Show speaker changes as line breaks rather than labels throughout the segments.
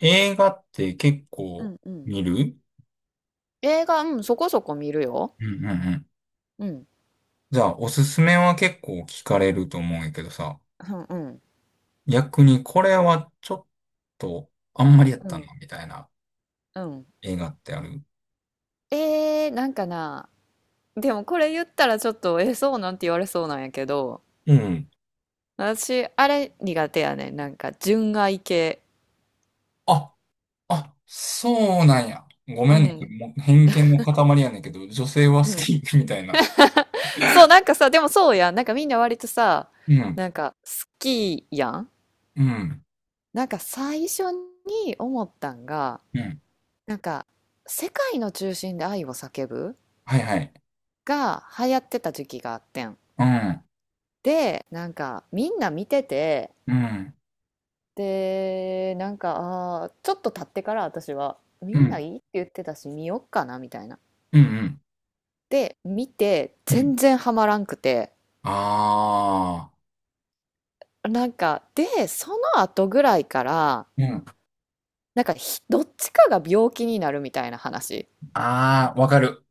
映画って結
う
構
んうん。
見る？
映画、うん、そこそこ見るよ。
うんうんうん。
うん。
じゃあ、おすすめは結構聞かれると思うんやけどさ、
うんうん。
逆にこれはちょっとあんまりやっ
う
たな、
ん。
みたいな
うん。
映画ってある？
なんかな、でもこれ言ったらちょっと、え、そうなんて言われそうなんやけど、
うん。
私、あれ苦手やねん。なんか、純愛系。
あ、あ、そうなんや。ご
う
めんね。
ん。
もう偏見の塊やねんけど、女性は
う
好
ん。
き みたいな。
そう、なんかさ、でもそうやん。なんかみんな割とさ、
うん、
なんか、好きやん。
うん、
なんか最初に思ったんが、
うん。
なんか、世界の中心で愛を叫ぶ
はいはい。
が流行ってた時期があってん。
うん、
で、なんかみんな見てて、
うん、
で、なんか、ちょっと経ってから私は、
う
みんな
ん、
いいって言ってたし、見よっかな、みたいな。
うん、うん。
で、見て、
うん、
全然ハマらんくて、
あ
なんか、で、その後ぐらいから、
あー、うん。
なんかどっちかが病気になるみたいな話
ああ、わかる。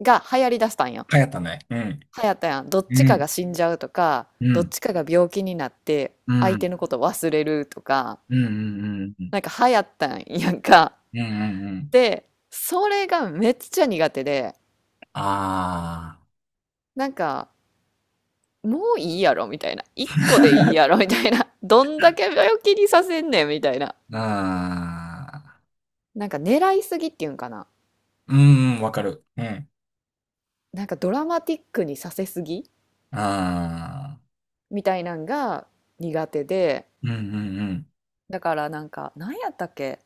が流行りだしたんよ。
流行ったね。うん。
流行ったやん。どっち
う
かが
ん、
死んじゃうとか、
う
どっ
ん、
ちかが病気になって、
う
相手
ん、
のこと忘れるとか、
うん、うん、うん、う
なんか流行ったんやんか。
ん、うん、うん。
で、それがめっちゃ苦手で、
あ
なんか、もういいやろみたいな。一個でいいやろみたいな。どんだけ病気にさせんねんみたいな。
あ、ああ、
なんか狙いすぎっていうんかな。
うん、うん、わかる。うん、
なんかドラマティックにさせすぎ
ああ、
みたいなんが苦手で、
うん、うん、うん。
だからなんか、何やったっけ、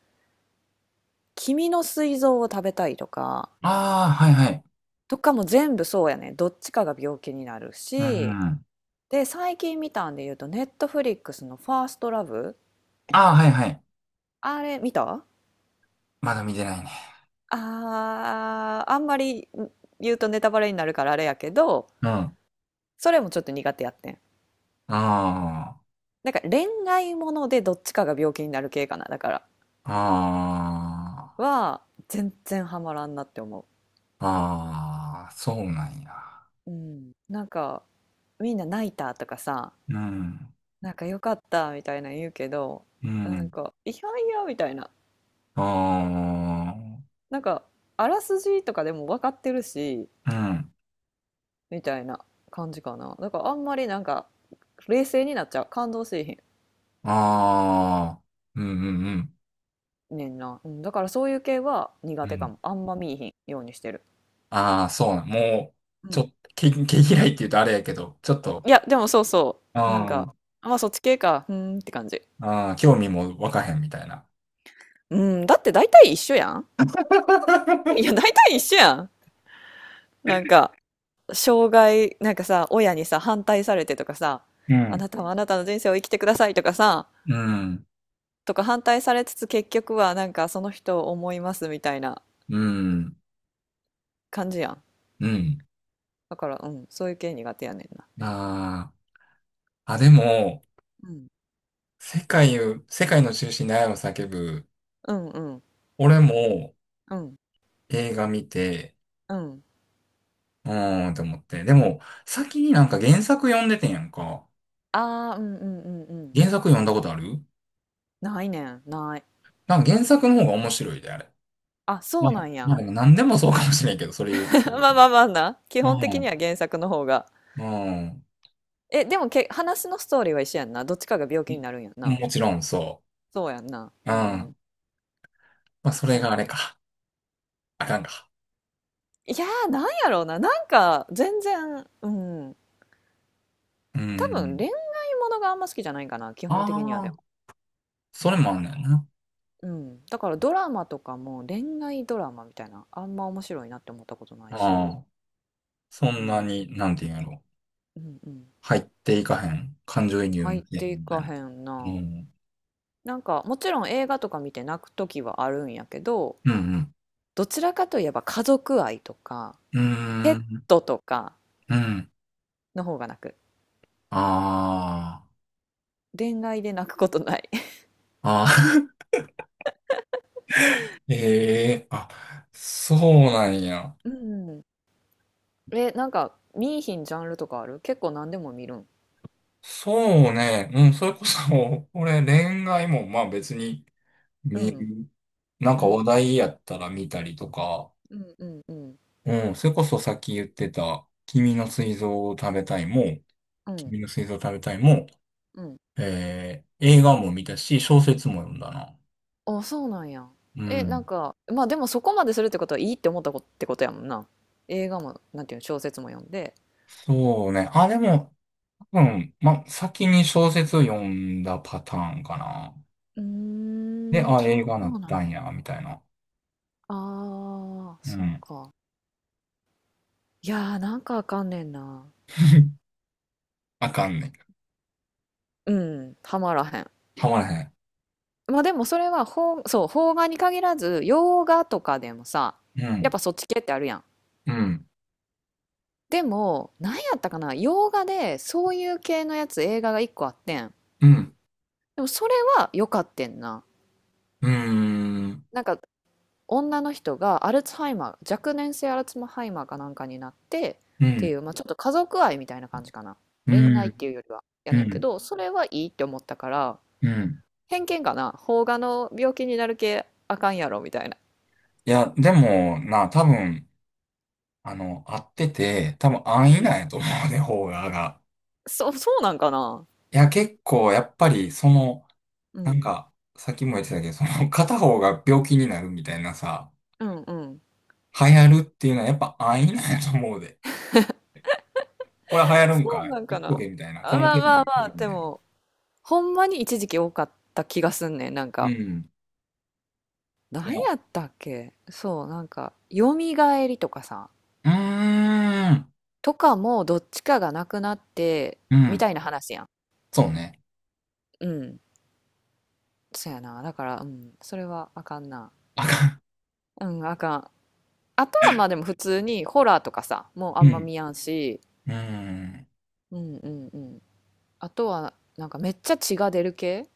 君の膵臓を食べたいとか、
ああ、はい、はい。
とかも全部そうやね。どっちかが病気になる
うん、
し、
あ
で、最近見たんで言うと、ネットフリックスのファーストラブ、
あ、はい、はい。
あれ見た？
まだ見てないね。
ああ、あんまり言うとネタバレになるからあれやけど、
うん、あ
それもちょっと苦手やってん。
あ、
なんか恋愛ものでどっちかが病気になる系かな、だから。
あ
は、全然ハマらんなって思
あ、ああ、そうなんや。
う。うん。なんか、みんな泣いたとかさ、
うん、
なんかよかったみたいなの言うけど、
う
なん
ん、
か、いやいやみたいな。
あ
なんか、あらすじとかでも分かってるし、
あ、うん、
みたいな感じかな。だからあんまりなんか、冷静になっちゃう。感動しいひん
ああ、うん、うん、うん。
ねんな、うん、だからそういう系は
う
苦手か
ん、
も、あんま見いひんようにしてる。
ああ、そうなもう、
う
ちょっ
ん。
と、毛嫌いって言うとあれやけど、ちょっと、
いやでもそうそ
う
う、なん
ん、う
か、あ、まあそっち系か、うーんって感じ。
ん、興味も湧かへんみたいな。
うん、だって大体一緒やん。いや、大 体一緒やん。なんか障害なんかさ、親にさ反対されてとかさ、
う
あ
ん、
なたはあなたの人生を生きてくださいとかさ、
うん、
とか反対されつつ結局はなんかその人を思いますみたいな
うん、
感じやん。
うん。
だから、うん、そういう系苦手やねんな。
ああ、あ、でも、
うん、
世界の中心で愛を叫ぶ、
うん、うん、
俺も
うん。
映画見て、
うん、
うーんと思って。でも、先になんか原作読んでてんやんか。
ああ、うん、うん、うん、うん。
原作読んだことある？
ないねん、ない。
なんか原作の方が面白いで、あれ。
あ、そ
ま
うな
あ、
んや。
まあでも何でもそうかもしれんけど、それ言っ てる。
まあまあまあな。基
う
本的に
ん、
は原作の方が。
うん。
え、でも話のストーリーは一緒やんな。どっちかが病気に
い
なるんやんな。
もちろんそ
そうやんな。
う。う
う
ん。
ん。
まあ、そ
そ
れ
うや
があ
ん
れ
な。
か。あかんか。
いやー、なんやろうな。なんか、全然、うん。
う
多分、
ん。
恋愛ものがあんま好きじゃないかな。基本的にはで
ああ、
も。
それもあんねんな。
うん。だから、ドラマとかも恋愛ドラマみたいな、あんま面白いなって思ったことない
あ
し。
あ、そ
う
んな
ん。
に、なんていうんやろ。
うんうん。
入っていかへん。感情移入も
入っ
せえへ
て
ん
い
みた
か
いな。
へん
う
な。
ん。
なんかもちろん映画とか見て泣く時はあるんやけど、
うん、
どちらかといえば家族愛とか
う
ペ
ん。
ッ
うーん。
トとか
うん。
の方が泣く。
あ
恋愛で泣くことない。
あ。ああ。ええあ、そうなんや。
うん。え、なんか見いひんジャンルとかある？結構何でも見るん？
そうね。うん、それこそ、俺、恋愛も、まあ別に、
う
見
ん、
る。なん
う
か
ん、
話
うん、
題やったら見たりとか、
うん、うん、うん、
うん、それこそさっき言ってた、君の膵臓を食べたいも、
うん、
君の膵臓を食べたいも、
うん。
映画も見たし、小説も読んだな。
あ、そうなんや。
う
え、なん
ん。
か、まあ、でもそこまでするってことはいいって思ったことってことやもんな。映画も、なんていうの、小説も読んで。
そうね。あ、でも、うん、先に小説読んだパターンかな。
うー
で、
ん、
あ、
そ
映画な
う
っ
な
た
んや。
んや、みたいな。
あー、
う
そっ
ん。
か。いやー、なんかあかんねんな。
あかんね。
うん、はまらへん。
はまらへん。
まあでもそれはそう、邦画に限らず、洋画とかでもさ、
う
やっ
ん。
ぱそっち系ってあるやん。
うん。
でも、なんやったかな、洋画でそういう系のやつ、映画が一個あってん。
うん。
でもそれは良かってんな。
うーん。
なんか、女の人がアルツハイマー、若年性アルツハイマーかなんかになって、
う
ってい
ん。
う、まあちょっと家族愛みたいな感じかな。
う
恋愛っ
ん。
ていうよりは、や
う
ねんけ
ん。
ど、それはいいって思ったから、
うん。
偏見かな、邦画の病気になる系あかんやろみたいな。
いや、でも、な、多分、合ってて、多分安
う
易なん
ん。
やと思うね、方が。
そうなんかな。
いや、結構、やっぱり、その、
う
なん
ん、
か、さっきも言ってたけど、その、片方が病気になるみたいなさ、
うん、うん。
流行るっていうのはやっぱ安易なんやと思うで。これ流行るん
そ
か
う
い
なん
言
か
っと
な。
けみたいな。こ
あ、
の
まあ
手に
ま
言
あ
っ
ま
と
あ、
けみ
で
たいな。
もほんまに一時期多かった気がすんねん。なん
う
か、
ん。い
何
や、
やったっけ、そう、なんかよみがえりとかさ、
うーん。
とかもどっちかがなくなって
う
み
ん。
たいな話やん。
そうね。
うん、そうやな、だから、うん、それはあかんな。
あか
うん、あかん。あとはまあでも普通にホラーとかさ、もうあ
ん。う
んま
ん。
見やんし。
うーん。
うん、うん、うん。あとは、なんかめっちゃ血が出る系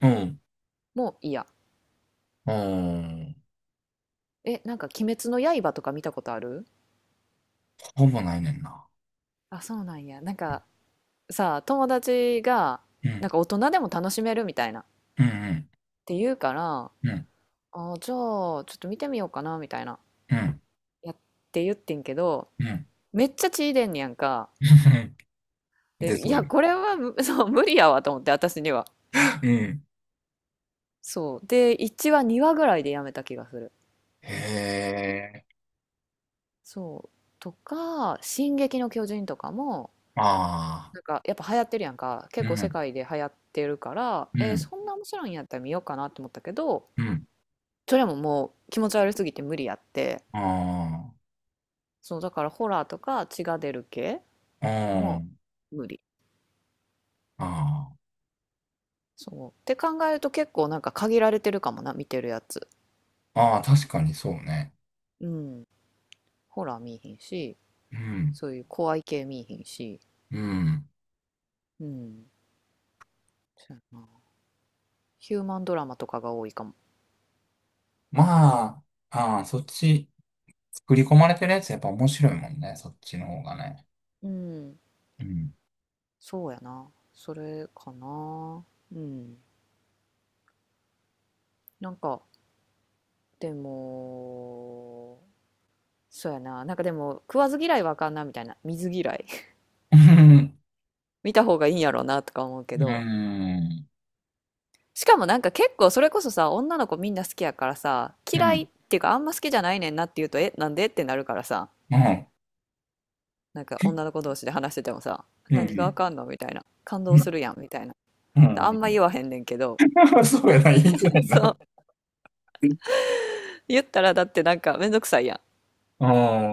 うん。
も嫌。
うん。
え、なんか鬼滅の刃とか見たことある？
ほぼないねんな。
あ、そうなんや。なんかさ、友達が、
う
な
ん。
んか大人でも楽しめるみたいな。っ
うんうん。
て言うから、
うん。
あ、じゃあ、ちょっと見てみようかな、みたいな。
うん
やって言ってんけど、
うん。
めっちゃ血出んねやんか。
で、
で、い
そう
や、
や
これはそう、無理やわと思って、私には。
な。うん。
そう。で、1話、2話ぐらいでやめた気がする。
へえ。
そう。とか、進撃の巨人とかも、
ああ。
なんかやっぱ流行ってるやんか。結
う
構世
ん。
界で流行ってるから、
うん。
そんな面白いんやったら見ようかなって思ったけど、
うん。
それももう気持ち悪すぎて無理やって。
あ
そうだから、ホラーとか血が出る系
あ。
も
あ
う無理。
あ。あ
そうって考えると結構なんか限られてるかもな、見てるやつ。
あ。ああ、確かにそうね。
うん、ホラー見いひんし、
うん。
そういう怖い系見いひんし。
うん。
うん、そうやな、ヒューマンドラマとかが多いかも。
まあ、ああ、そっち、作り込まれてるやつやっぱ面白いもんね。そっちの方がね。
うん、
うん。
そうやな、それかな。うん、なんか、でも、そうやな。なんかでも、食わず嫌いはあかんな、みたいな。水嫌い
うん。
見た方がいいんやろうな、とか思うけ
う
ど。
ん。
しかもなんか結構それこそさ、女の子みんな好きやからさ、
うん。
嫌
う
い
ん。
っていうかあんま好きじゃないねんなって言うと、え、なんでってなるからさ、
うん。
なんか女の子同士で話しててもさ、
う
何があ
ん。
かんのみたいな。感動する
う
やん、みたいな。あんま
ん
言わへんねんけど。
そうやな、言いづら い
そ
な。
う。言ったらだってなんかめんどくさいや
う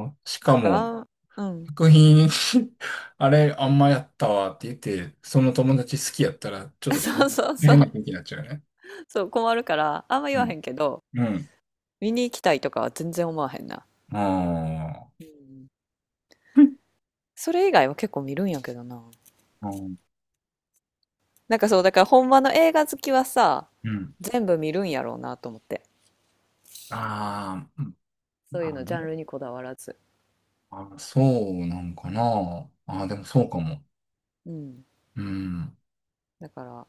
ん。し
ん。
か
だか
も、
ら、あんうん
作品 あれ、あんまやったわって言って、その友達好きやったら、ちょっ と
そうそうそ
変な
う。
空気になっちゃうよね。
そう、困るから、あんま言わへんけど、
うん。うん。
見に行きたいとかは全然思わへんな。
ああ。
うん。
うん
それ以外は結構見るんやけどな。なんかそう、だからほんまの映画好きはさ、
うん。
全部見るんやろうなと思って。
あー
そういう
あ
の、ジャンルにこだわらず。
あ、そうなんかな。ああでもそうかも。
うん。
うん。
だから、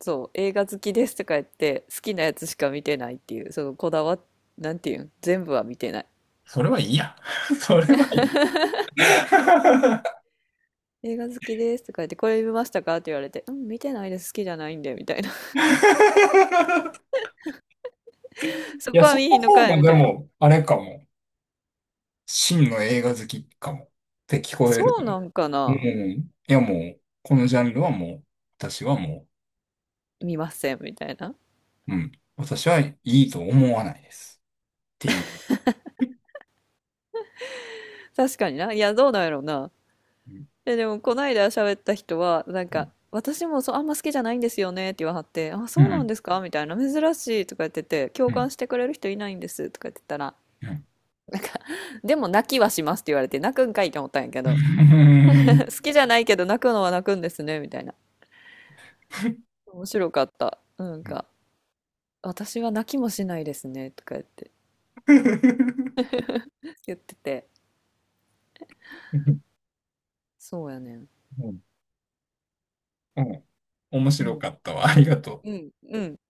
そう、映画好きですとか言って、好きなやつしか見てないっていう、そのこだわ、なんていうん、全部は見てない。
それはいいや。それはいい。
映画好きですとか言って、これ見ましたかって言われて、うん、見てないです、好きじゃないんで、みたいな。そ
いや、
こは
そ
見
の
ひんの
方
かい、
が
み
で
たいな。
も、あれかも。真の映画好きかも。って聞こえる。
そうなんか
う
な、
ん。いやもう、このジャンルはもう、私はも
見ません、みたいな。
う、うん。私はいいと思わないです。っていう。
確かにな。いや、どうなんやろうな。
うん
え、でも、こないだ喋った人は、なん
う
か、
ん。
私もそう、あんま好きじゃないんですよねって言わはって、あ、
う
そうなん
ん。
ですかみたいな、珍しいとか言ってて、共
うん。
感してくれる人いないんですとか言ってたら、
うん。
でも泣きはしますって言われて、泣くんかいって思ったんやけ
う
ど、
ん。
好きじゃないけど泣くのは泣くんですね、みたいな。面白かった。なんか、私は泣きもしないですねとか言ってて、そうやねん。
うん、面
う
白
ん。
かったわ。ありがと
う
う。
ん、うん。